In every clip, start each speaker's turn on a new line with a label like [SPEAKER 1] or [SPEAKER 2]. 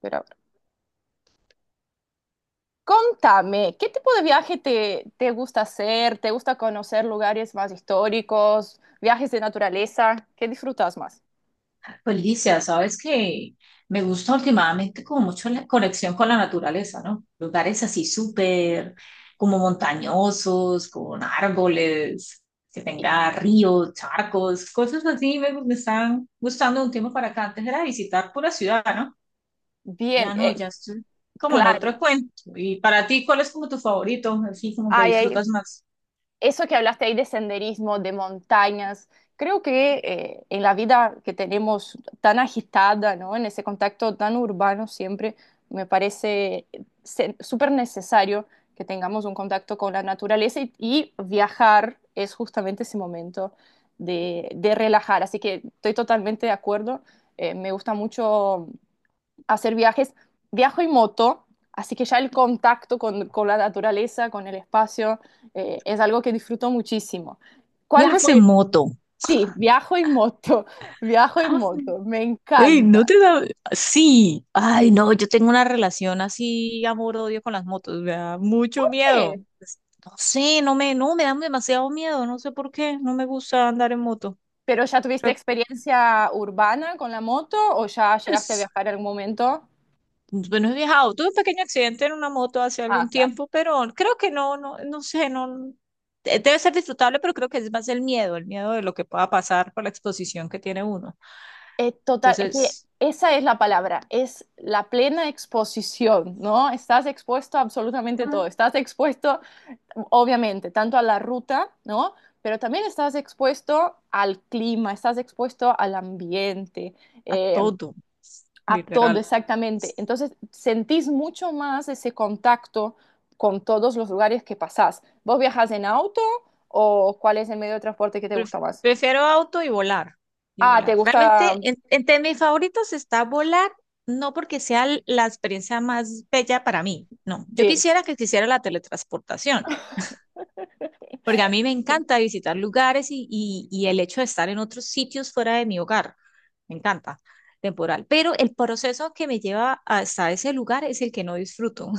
[SPEAKER 1] Pero ahora, contame, ¿qué tipo de viaje te gusta hacer? ¿Te gusta conocer lugares más históricos, viajes de naturaleza? ¿Qué disfrutas más?
[SPEAKER 2] Pues Licia, sabes que me gusta últimamente como mucho la conexión con la naturaleza, ¿no? Lugares así súper como montañosos, con árboles, que
[SPEAKER 1] Y-
[SPEAKER 2] tenga ríos, charcos, cosas así me están gustando de un tiempo para acá. Antes era visitar pura ciudad, ¿no?
[SPEAKER 1] Bien,
[SPEAKER 2] Ya no,
[SPEAKER 1] eh,
[SPEAKER 2] ya estoy como en
[SPEAKER 1] claro.
[SPEAKER 2] otro cuento. Y para ti, ¿cuál es como tu favorito? Así como que
[SPEAKER 1] Ay,
[SPEAKER 2] disfrutas más.
[SPEAKER 1] eso que hablaste ahí de senderismo, de montañas, creo que en la vida que tenemos tan agitada, ¿no? En ese contacto tan urbano siempre, me parece súper necesario que tengamos un contacto con la naturaleza y viajar es justamente ese momento de relajar. Así que estoy totalmente de acuerdo. Me gusta mucho hacer viajes. Viajo en moto, así que ya el contacto con la naturaleza, con el espacio, es algo que disfruto muchísimo. ¿Cuál
[SPEAKER 2] Viajas en
[SPEAKER 1] fue?
[SPEAKER 2] moto.
[SPEAKER 1] Sí, viajo en moto, viajo en moto, me
[SPEAKER 2] Ey, no
[SPEAKER 1] encanta.
[SPEAKER 2] te da... Sí, ay, no, yo tengo una relación así, amor-odio con las motos, me da mucho miedo.
[SPEAKER 1] ¿Qué?
[SPEAKER 2] No sé, no me, no, me dan demasiado miedo, no sé por qué, no me gusta andar en moto.
[SPEAKER 1] ¿Pero ya
[SPEAKER 2] O
[SPEAKER 1] tuviste
[SPEAKER 2] sea,
[SPEAKER 1] experiencia urbana con la moto o ya llegaste a
[SPEAKER 2] pues,
[SPEAKER 1] viajar en algún momento?
[SPEAKER 2] bueno, he viajado, tuve un pequeño accidente en una moto hace
[SPEAKER 1] Ah,
[SPEAKER 2] algún
[SPEAKER 1] claro.
[SPEAKER 2] tiempo, pero creo que no, no, no sé, no... Debe ser disfrutable, pero creo que es más el miedo de lo que pueda pasar por la exposición que tiene uno.
[SPEAKER 1] Es total, es que
[SPEAKER 2] Entonces,
[SPEAKER 1] esa es la palabra, es la plena exposición, ¿no? Estás expuesto a absolutamente todo, estás expuesto obviamente, tanto a la ruta, ¿no? Pero también estás expuesto al clima, estás expuesto al ambiente,
[SPEAKER 2] a
[SPEAKER 1] eh,
[SPEAKER 2] todo,
[SPEAKER 1] a todo
[SPEAKER 2] literal.
[SPEAKER 1] exactamente. Entonces, sentís mucho más ese contacto con todos los lugares que pasás. ¿Vos viajas en auto o cuál es el medio de transporte que te
[SPEAKER 2] Pref-
[SPEAKER 1] gusta más?
[SPEAKER 2] Prefiero auto y volar. Y
[SPEAKER 1] Ah, te
[SPEAKER 2] volar.
[SPEAKER 1] gusta,
[SPEAKER 2] Realmente, entre mis favoritos está volar, no porque sea la experiencia más bella para mí, no. Yo
[SPEAKER 1] sí,
[SPEAKER 2] quisiera que quisiera la teletransportación, porque a mí me encanta visitar lugares y el hecho de estar en otros sitios fuera de mi hogar. Me encanta, temporal. Pero el proceso que me lleva hasta ese lugar es el que no disfruto.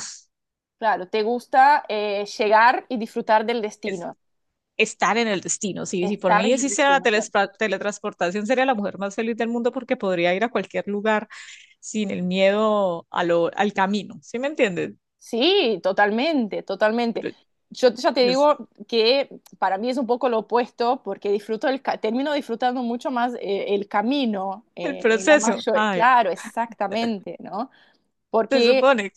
[SPEAKER 1] claro, te gusta llegar y disfrutar del destino,
[SPEAKER 2] Estar en el destino. Si, si por
[SPEAKER 1] estar
[SPEAKER 2] mí
[SPEAKER 1] en el
[SPEAKER 2] existiera la
[SPEAKER 1] destino, claro.
[SPEAKER 2] teletransportación, sería la mujer más feliz del mundo porque podría ir a cualquier lugar sin el miedo a lo, al camino. ¿Sí me entiendes?
[SPEAKER 1] Sí, totalmente, totalmente.
[SPEAKER 2] Pero
[SPEAKER 1] Yo ya te
[SPEAKER 2] es
[SPEAKER 1] digo que para mí es un poco lo opuesto porque disfruto termino disfrutando mucho más el camino
[SPEAKER 2] el
[SPEAKER 1] en la
[SPEAKER 2] proceso.
[SPEAKER 1] mayor,
[SPEAKER 2] Ay,
[SPEAKER 1] claro, exactamente, ¿no?
[SPEAKER 2] se
[SPEAKER 1] Porque
[SPEAKER 2] supone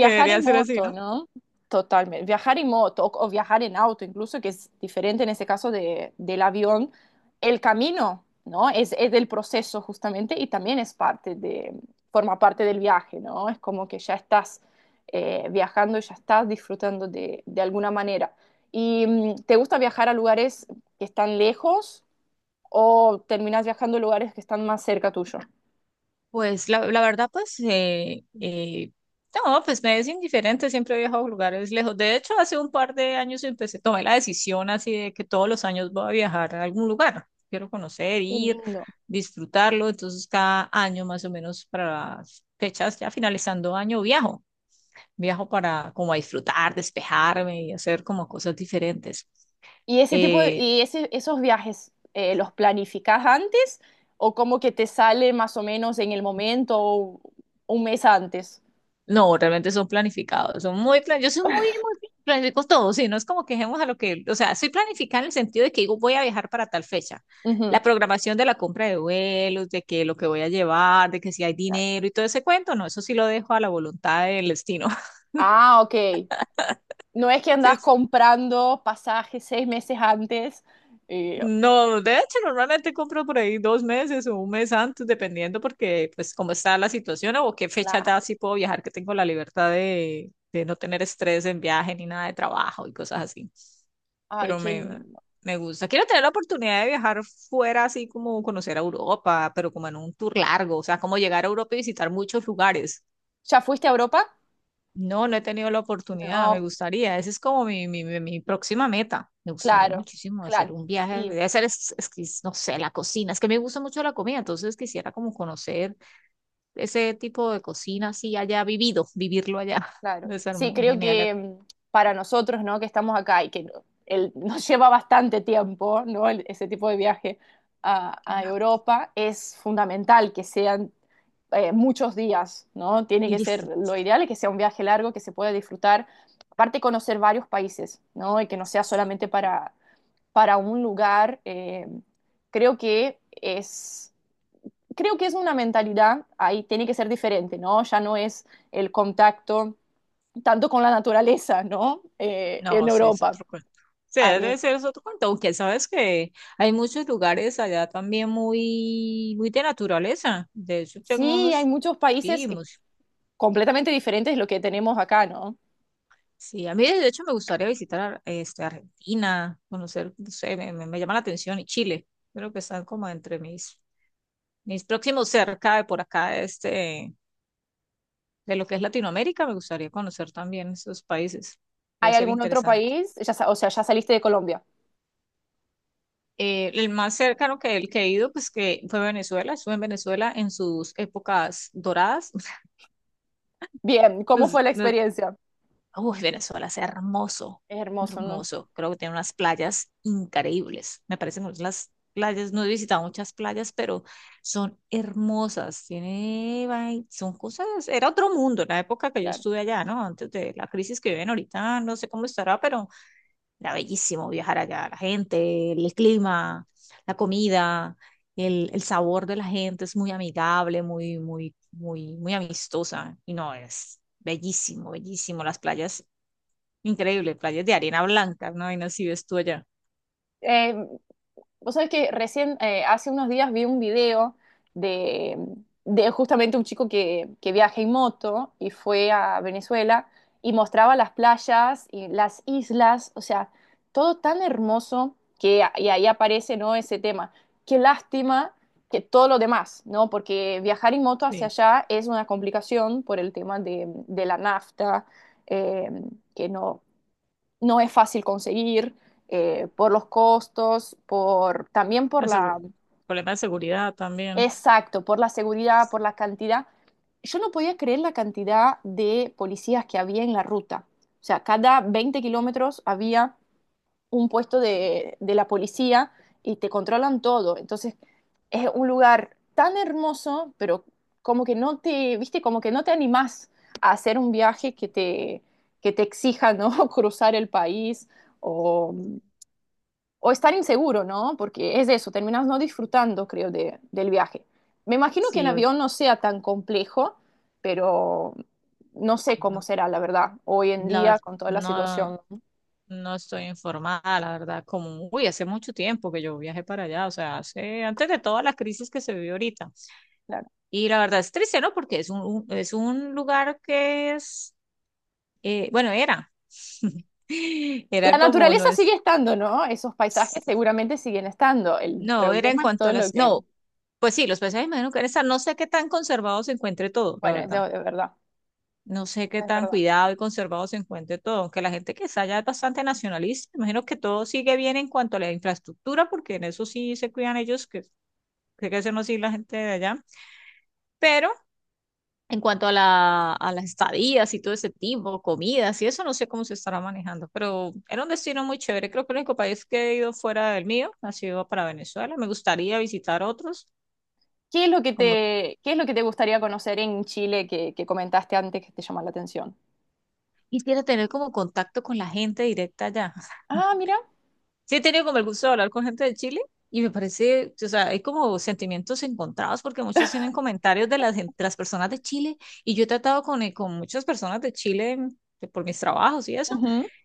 [SPEAKER 2] que debería
[SPEAKER 1] en
[SPEAKER 2] ser así,
[SPEAKER 1] moto,
[SPEAKER 2] ¿no?
[SPEAKER 1] ¿no? Totalmente. Viajar en moto o viajar en auto, incluso, que es diferente en ese caso del avión, el camino, ¿no? Es del proceso justamente y también forma parte del viaje, ¿no? Es como que ya estás viajando y ya estás disfrutando de alguna manera. ¿Y te gusta viajar a lugares que están lejos o terminas viajando a lugares que están más cerca tuyo?
[SPEAKER 2] Pues la verdad, pues no, pues me es indiferente, siempre he viajado a lugares lejos. De hecho, hace un par de años empecé, tomé la decisión así de que todos los años voy a viajar a algún lugar. Quiero conocer,
[SPEAKER 1] Qué
[SPEAKER 2] ir,
[SPEAKER 1] lindo.
[SPEAKER 2] disfrutarlo. Entonces, cada año más o menos para las fechas, ya finalizando año, viajo. Viajo para como a disfrutar, despejarme y hacer como cosas diferentes.
[SPEAKER 1] ¿Y ese tipo de,
[SPEAKER 2] Eh,
[SPEAKER 1] y ese- esos viajes los planificas antes o como que te sale más o menos en el momento o un mes antes?
[SPEAKER 2] No, realmente son planificados, son muy plan, yo soy muy, muy planifico todo, sí, no es como que quejemos a lo que, o sea, soy planificada en el sentido de que digo, voy a viajar para tal fecha,
[SPEAKER 1] Ujú.
[SPEAKER 2] la programación de la compra de vuelos, de que lo que voy a llevar, de que si hay dinero y todo ese cuento, no, eso sí lo dejo a la voluntad del destino.
[SPEAKER 1] Ah, ok. No es que
[SPEAKER 2] Sí,
[SPEAKER 1] andas comprando pasajes 6 meses antes. eh,
[SPEAKER 2] no, de hecho, normalmente compro por ahí dos meses o un mes antes, dependiendo porque, pues, cómo está la situación o qué fecha ya
[SPEAKER 1] claro.
[SPEAKER 2] sí puedo viajar, que tengo la libertad de no tener estrés en viaje ni nada de trabajo y cosas así.
[SPEAKER 1] Ay,
[SPEAKER 2] Pero
[SPEAKER 1] qué
[SPEAKER 2] me,
[SPEAKER 1] lindo.
[SPEAKER 2] me gusta. Quiero tener la oportunidad de viajar fuera, así como conocer a Europa, pero como en un tour largo, o sea, como llegar a Europa y visitar muchos lugares.
[SPEAKER 1] ¿Ya fuiste a Europa?
[SPEAKER 2] No, no he tenido la oportunidad, me
[SPEAKER 1] No,
[SPEAKER 2] gustaría. Esa es como mi próxima meta. Me gustaría
[SPEAKER 1] claro,
[SPEAKER 2] muchísimo hacer
[SPEAKER 1] claro.
[SPEAKER 2] un viaje,
[SPEAKER 1] Y
[SPEAKER 2] de hacer, es que, no sé, la cocina. Es que me gusta mucho la comida, entonces quisiera como conocer ese tipo de cocina, así allá vivido, vivirlo allá.
[SPEAKER 1] claro,
[SPEAKER 2] Debe ser
[SPEAKER 1] sí,
[SPEAKER 2] muy
[SPEAKER 1] creo
[SPEAKER 2] genial,
[SPEAKER 1] que para nosotros, ¿no? Que estamos acá y que nos lleva bastante tiempo, ¿no? Ese tipo de viaje
[SPEAKER 2] qué
[SPEAKER 1] a
[SPEAKER 2] largo.
[SPEAKER 1] Europa, es fundamental que sean muchos días, ¿no? Tiene
[SPEAKER 2] Y
[SPEAKER 1] que ser, lo
[SPEAKER 2] disfrutar.
[SPEAKER 1] ideal es que sea un viaje largo, que se pueda disfrutar, aparte conocer varios países, ¿no? Y que no sea solamente para un lugar. Creo que es, Creo que es una mentalidad, ahí tiene que ser diferente, ¿no? Ya no es el contacto tanto con la naturaleza, ¿no? En
[SPEAKER 2] No, sí, es
[SPEAKER 1] Europa.
[SPEAKER 2] otro cuento. Sí,
[SPEAKER 1] Hay-
[SPEAKER 2] debe ser es otro cuento, aunque sabes que hay muchos lugares allá también muy, muy de naturaleza. De hecho, tengo
[SPEAKER 1] sí, hay
[SPEAKER 2] unos,
[SPEAKER 1] muchos
[SPEAKER 2] sí,
[SPEAKER 1] países completamente diferentes de lo que tenemos acá, ¿no?
[SPEAKER 2] sí, a mí de hecho me gustaría visitar este, Argentina, conocer, no sé, me llama la atención, y Chile, creo que están como entre mis próximos cerca de por acá, este, de lo que es Latinoamérica, me gustaría conocer también esos países. Debe
[SPEAKER 1] ¿Hay
[SPEAKER 2] ser
[SPEAKER 1] algún otro
[SPEAKER 2] interesante.
[SPEAKER 1] país? Ya, o sea, ya saliste de Colombia.
[SPEAKER 2] El más cercano que, el que he ido, pues que fue Venezuela. Estuve en Venezuela en sus épocas doradas.
[SPEAKER 1] Bien, ¿cómo
[SPEAKER 2] Nos-
[SPEAKER 1] fue la
[SPEAKER 2] nos-
[SPEAKER 1] experiencia?
[SPEAKER 2] Uy, Venezuela es hermoso,
[SPEAKER 1] Es hermoso, ¿no?
[SPEAKER 2] hermoso. Creo que tiene unas playas increíbles. Me parecen hermosas las playas. No he visitado muchas playas, pero son hermosas. Tiene, son cosas. Era otro mundo en la época que yo
[SPEAKER 1] Claro.
[SPEAKER 2] estuve allá, ¿no? Antes de la crisis que viven ahorita, no sé cómo estará, pero era bellísimo viajar allá, la gente, el clima, la comida, el sabor de la gente es muy amigable, muy, muy, muy, muy amistosa. Y no, es bellísimo, bellísimo. Las playas, increíble, playas de arena blanca, ¿no? Y no si ves tú allá.
[SPEAKER 1] Eh, Vos sabés que recién, hace unos días vi un video de, de justamente un chico que viaja en moto y fue a Venezuela y mostraba las playas y las islas, o sea, todo tan hermoso y ahí aparece, ¿no? Ese tema. Qué lástima que todo lo demás, ¿no? Porque viajar en moto hacia
[SPEAKER 2] Sí,
[SPEAKER 1] allá es una complicación por el tema de la nafta, eh, que no, no es fácil conseguir por los costos, por, también por
[SPEAKER 2] la segu-
[SPEAKER 1] la,
[SPEAKER 2] problema de seguridad también.
[SPEAKER 1] exacto, por la seguridad, por la cantidad. Yo no podía creer la cantidad de policías que había en la ruta. O sea, cada 20 kilómetros había un puesto de la policía y te controlan todo. Entonces, es un lugar tan hermoso, pero como que no te, viste, como que no te animás a hacer un viaje que te exija, ¿no? Cruzar el país o, o estar inseguro, ¿no? Porque es eso, terminas no disfrutando, creo, del viaje. Me imagino que en
[SPEAKER 2] Sí, uy,
[SPEAKER 1] avión no sea tan complejo, pero no sé cómo
[SPEAKER 2] no,
[SPEAKER 1] será, la verdad, hoy en
[SPEAKER 2] la
[SPEAKER 1] día
[SPEAKER 2] verdad,
[SPEAKER 1] con toda la
[SPEAKER 2] no,
[SPEAKER 1] situación.
[SPEAKER 2] no estoy informada, la verdad, como, uy, hace mucho tiempo que yo viajé para allá, o sea, hace, antes de toda la crisis que se vivió ahorita.
[SPEAKER 1] Claro.
[SPEAKER 2] Y la verdad es triste, ¿no? Porque es un lugar que es, bueno, era, era
[SPEAKER 1] La
[SPEAKER 2] como, no
[SPEAKER 1] naturaleza
[SPEAKER 2] es,
[SPEAKER 1] sigue estando, ¿no? Esos paisajes seguramente siguen estando. El
[SPEAKER 2] no, era en
[SPEAKER 1] problema es
[SPEAKER 2] cuanto
[SPEAKER 1] todo
[SPEAKER 2] a
[SPEAKER 1] lo
[SPEAKER 2] las,
[SPEAKER 1] que...
[SPEAKER 2] no, pues sí, los paisajes imagino que están, no sé qué tan conservado se encuentre todo, la
[SPEAKER 1] Bueno,
[SPEAKER 2] verdad.
[SPEAKER 1] eso es verdad,
[SPEAKER 2] No sé qué
[SPEAKER 1] eso es
[SPEAKER 2] tan
[SPEAKER 1] verdad.
[SPEAKER 2] cuidado y conservado se encuentre todo, aunque la gente que está allá es bastante nacionalista, imagino que todo sigue bien en cuanto a la infraestructura, porque en eso sí se cuidan ellos, que sé que eso no sí la gente de allá, pero en cuanto a las estadías y todo ese tipo, comidas y eso, no sé cómo se estará manejando, pero era un destino muy chévere. Creo que el único país que he ido fuera del mío ha sido para Venezuela. Me gustaría visitar otros, como
[SPEAKER 1] ¿Qué es lo que te gustaría conocer en Chile que comentaste antes que te llama la atención?
[SPEAKER 2] quisiera tener como contacto con la gente directa allá.
[SPEAKER 1] Ah, mira.
[SPEAKER 2] Sí, he tenido como el gusto de hablar con gente de Chile y me parece, o sea, hay como sentimientos encontrados porque muchos tienen comentarios de las personas de Chile y yo he tratado con muchas personas de Chile por mis trabajos y eso,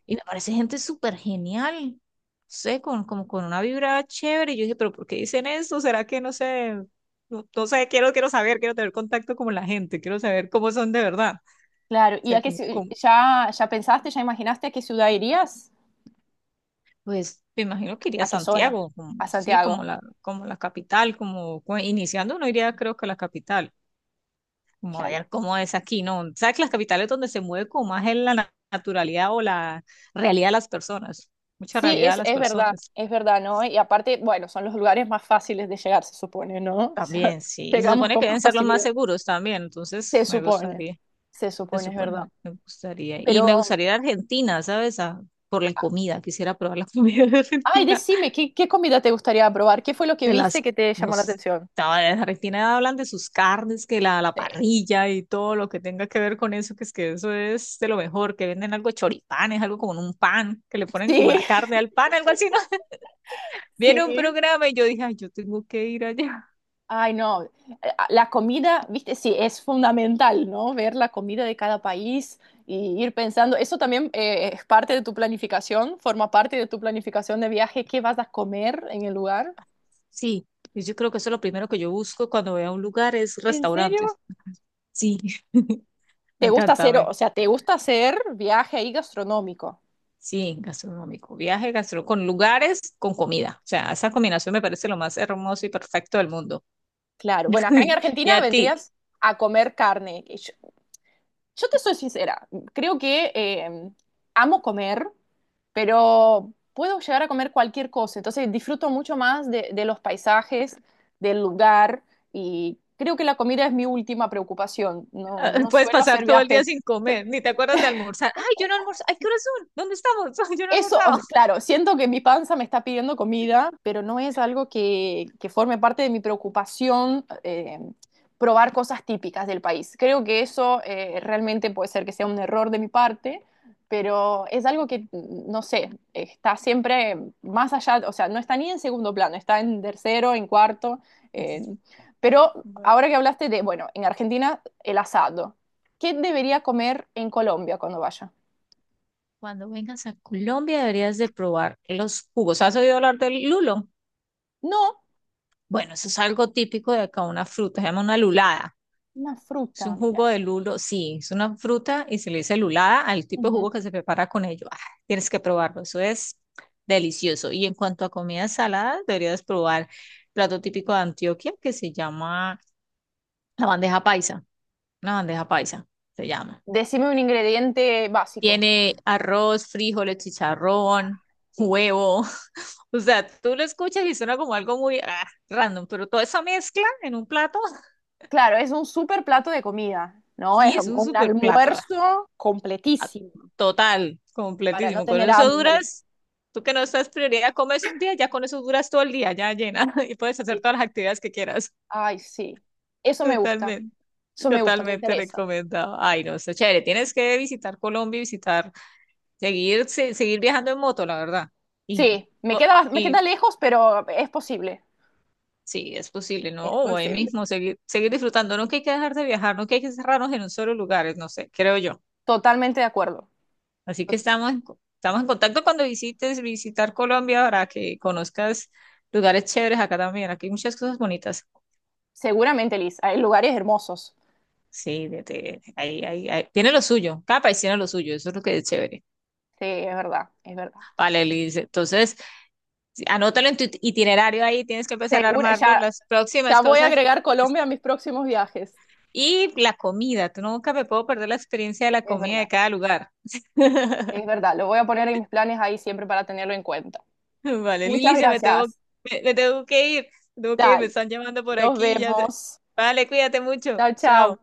[SPEAKER 2] y me parece gente súper genial, no sé, con, como con una vibra chévere. Y yo dije, pero ¿por qué dicen eso? ¿Será que no sé? No, no sé, quiero, quiero saber, quiero tener contacto con la gente, quiero saber cómo son de verdad.
[SPEAKER 1] Claro,
[SPEAKER 2] O
[SPEAKER 1] ¿y
[SPEAKER 2] sea,
[SPEAKER 1] a qué
[SPEAKER 2] como,
[SPEAKER 1] ya pensaste, ya imaginaste a qué ciudad irías?
[SPEAKER 2] pues me imagino que iría a
[SPEAKER 1] ¿A qué zona?
[SPEAKER 2] Santiago, como,
[SPEAKER 1] A
[SPEAKER 2] sí,
[SPEAKER 1] Santiago,
[SPEAKER 2] como la capital, como iniciando uno iría creo que a la capital, como
[SPEAKER 1] claro.
[SPEAKER 2] ver cómo es aquí, ¿no? Sabes que las capitales donde se mueve como más es la naturalidad o la realidad de las personas, mucha
[SPEAKER 1] Sí,
[SPEAKER 2] realidad de las personas
[SPEAKER 1] es verdad, ¿no? Y aparte, bueno, son los lugares más fáciles de llegar, se supone, ¿no? O sea,
[SPEAKER 2] también, sí. Y se
[SPEAKER 1] llegamos
[SPEAKER 2] supone
[SPEAKER 1] con
[SPEAKER 2] que
[SPEAKER 1] más
[SPEAKER 2] deben ser los más
[SPEAKER 1] facilidad.
[SPEAKER 2] seguros también, entonces
[SPEAKER 1] Se
[SPEAKER 2] me
[SPEAKER 1] supone,
[SPEAKER 2] gustaría,
[SPEAKER 1] se
[SPEAKER 2] se
[SPEAKER 1] supone, es verdad.
[SPEAKER 2] supone, me gustaría. Y
[SPEAKER 1] Pero,
[SPEAKER 2] me gustaría ir a Argentina, ¿sabes? Por la comida, quisiera probar la comida de
[SPEAKER 1] ay,
[SPEAKER 2] Argentina.
[SPEAKER 1] decime, ¿qué comida te gustaría probar? ¿Qué fue lo que
[SPEAKER 2] De
[SPEAKER 1] viste
[SPEAKER 2] las,
[SPEAKER 1] que te llamó la
[SPEAKER 2] los,
[SPEAKER 1] atención?
[SPEAKER 2] no, de Argentina hablan de sus carnes, que la
[SPEAKER 1] Sí,
[SPEAKER 2] parrilla y todo lo que tenga que ver con eso, que es que eso es de lo mejor, que venden algo de choripanes, algo como en un pan, que le ponen como la
[SPEAKER 1] sí,
[SPEAKER 2] carne al pan, algo así, ¿no? Viene un
[SPEAKER 1] sí.
[SPEAKER 2] programa y yo dije, ay, yo tengo que ir allá.
[SPEAKER 1] Ay, no, la comida, viste, sí, es fundamental, ¿no? Ver la comida de cada país y ir pensando, eso también es parte de tu planificación, forma parte de tu planificación de viaje, qué vas a comer en el lugar.
[SPEAKER 2] Sí, y yo creo que eso es lo primero que yo busco cuando voy a un lugar, es
[SPEAKER 1] ¿En serio?
[SPEAKER 2] restaurantes. Sí, me
[SPEAKER 1] ¿Te gusta
[SPEAKER 2] encanta,
[SPEAKER 1] hacer, o sea, te gusta hacer viaje ahí gastronómico?
[SPEAKER 2] sí, gastronómico, viaje, gastro, con lugares, con comida. O sea, esa combinación me parece lo más hermoso y perfecto del mundo.
[SPEAKER 1] Claro, bueno, acá en
[SPEAKER 2] Uy, y
[SPEAKER 1] Argentina
[SPEAKER 2] a ti,
[SPEAKER 1] vendrías a comer carne. Yo te soy sincera, creo que amo comer, pero puedo llegar a comer cualquier cosa, entonces disfruto mucho más de los paisajes, del lugar y creo que la comida es mi última preocupación.
[SPEAKER 2] ah,
[SPEAKER 1] No, no
[SPEAKER 2] puedes
[SPEAKER 1] suelo
[SPEAKER 2] pasar
[SPEAKER 1] hacer
[SPEAKER 2] todo el día
[SPEAKER 1] viajes.
[SPEAKER 2] sin comer, ni te acuerdas de almorzar. Ay, yo no almorzo. Ay, ¿qué horas son? ¿Dónde estamos? Ay, yo no he
[SPEAKER 1] Eso, o
[SPEAKER 2] almorzado.
[SPEAKER 1] sea, claro, siento que mi panza me está pidiendo comida, pero no es algo que forme parte de mi preocupación probar cosas típicas del país. Creo que eso realmente puede ser que sea un error de mi parte, pero es algo que, no sé, está siempre más allá, o sea, no está ni en segundo plano, está en tercero, en cuarto. eh, pero
[SPEAKER 2] Bueno,
[SPEAKER 1] ahora que hablaste de, bueno, en Argentina el asado, ¿qué debería comer en Colombia cuando vaya?
[SPEAKER 2] cuando vengas a Colombia deberías de probar los jugos. ¿Has oído hablar del lulo?
[SPEAKER 1] No,
[SPEAKER 2] Bueno, eso es algo típico de acá, una fruta, se llama una lulada.
[SPEAKER 1] una
[SPEAKER 2] Es
[SPEAKER 1] fruta.
[SPEAKER 2] un jugo de lulo, sí, es una fruta y se le dice lulada al tipo de
[SPEAKER 1] Ujú.
[SPEAKER 2] jugo que se prepara con ello. Ah, tienes que probarlo, eso es delicioso. Y en cuanto a comidas saladas, deberías probar plato típico de Antioquia que se llama la bandeja paisa, una bandeja paisa se llama.
[SPEAKER 1] Decime un ingrediente básico.
[SPEAKER 2] Tiene arroz, frijoles, chicharrón,
[SPEAKER 1] Sí.
[SPEAKER 2] huevo. O sea, tú lo escuchas y suena como algo muy random, pero toda esa mezcla en un plato,
[SPEAKER 1] Claro, es un super plato de comida, ¿no? Es
[SPEAKER 2] sí, es un
[SPEAKER 1] un
[SPEAKER 2] super plato.
[SPEAKER 1] almuerzo
[SPEAKER 2] Ah,
[SPEAKER 1] completísimo
[SPEAKER 2] Total,
[SPEAKER 1] para no
[SPEAKER 2] completísimo. Con
[SPEAKER 1] tener
[SPEAKER 2] eso
[SPEAKER 1] hambre.
[SPEAKER 2] duras, tú que no estás prioridad, comes un día, ya con eso duras todo el día, ya llena, y puedes hacer
[SPEAKER 1] Y-
[SPEAKER 2] todas las actividades que quieras.
[SPEAKER 1] Ay, sí. Eso me gusta.
[SPEAKER 2] Totalmente,
[SPEAKER 1] Eso me gusta, me
[SPEAKER 2] totalmente
[SPEAKER 1] interesa.
[SPEAKER 2] recomendado. Ay, no, está chévere. Tienes que visitar Colombia y visitar. Seguir, seguir viajando en moto, la verdad. Y,
[SPEAKER 1] Sí, me queda
[SPEAKER 2] y
[SPEAKER 1] lejos, pero es posible.
[SPEAKER 2] sí, es posible, ¿no?
[SPEAKER 1] Es
[SPEAKER 2] O ahí
[SPEAKER 1] posible.
[SPEAKER 2] mismo, seguir, seguir disfrutando. No que hay que dejar de viajar, no que hay que cerrarnos en un solo lugar, no sé, creo yo.
[SPEAKER 1] Totalmente de acuerdo.
[SPEAKER 2] Así que
[SPEAKER 1] To-
[SPEAKER 2] estamos en, co- estamos en contacto cuando visites, visitar Colombia para que conozcas lugares chéveres acá también. Aquí hay muchas cosas bonitas.
[SPEAKER 1] Seguramente, Liz, hay lugares hermosos.
[SPEAKER 2] Sí, de, ahí, ahí, ahí. Tiene lo suyo, cada país tiene lo suyo, eso es lo que es chévere.
[SPEAKER 1] Sí, es verdad, es verdad.
[SPEAKER 2] Vale, Liz, entonces sí, anótalo en tu itinerario ahí, tienes que empezar a
[SPEAKER 1] Segura-
[SPEAKER 2] armarlo.
[SPEAKER 1] ya,
[SPEAKER 2] Las próximas
[SPEAKER 1] ya voy a
[SPEAKER 2] cosas
[SPEAKER 1] agregar Colombia a mis próximos viajes.
[SPEAKER 2] y la comida, tú nunca me puedo perder la experiencia de la
[SPEAKER 1] Es
[SPEAKER 2] comida
[SPEAKER 1] verdad.
[SPEAKER 2] de cada lugar.
[SPEAKER 1] Es verdad, lo voy a poner en mis planes ahí siempre para tenerlo en cuenta.
[SPEAKER 2] Vale, Lili,
[SPEAKER 1] Muchas
[SPEAKER 2] ya me tengo,
[SPEAKER 1] gracias.
[SPEAKER 2] me tengo que ir, me tengo que ir, me
[SPEAKER 1] Dale,
[SPEAKER 2] están llamando por
[SPEAKER 1] nos
[SPEAKER 2] aquí, ya sé.
[SPEAKER 1] vemos.
[SPEAKER 2] Vale, cuídate mucho,
[SPEAKER 1] Chao, chao.
[SPEAKER 2] chao.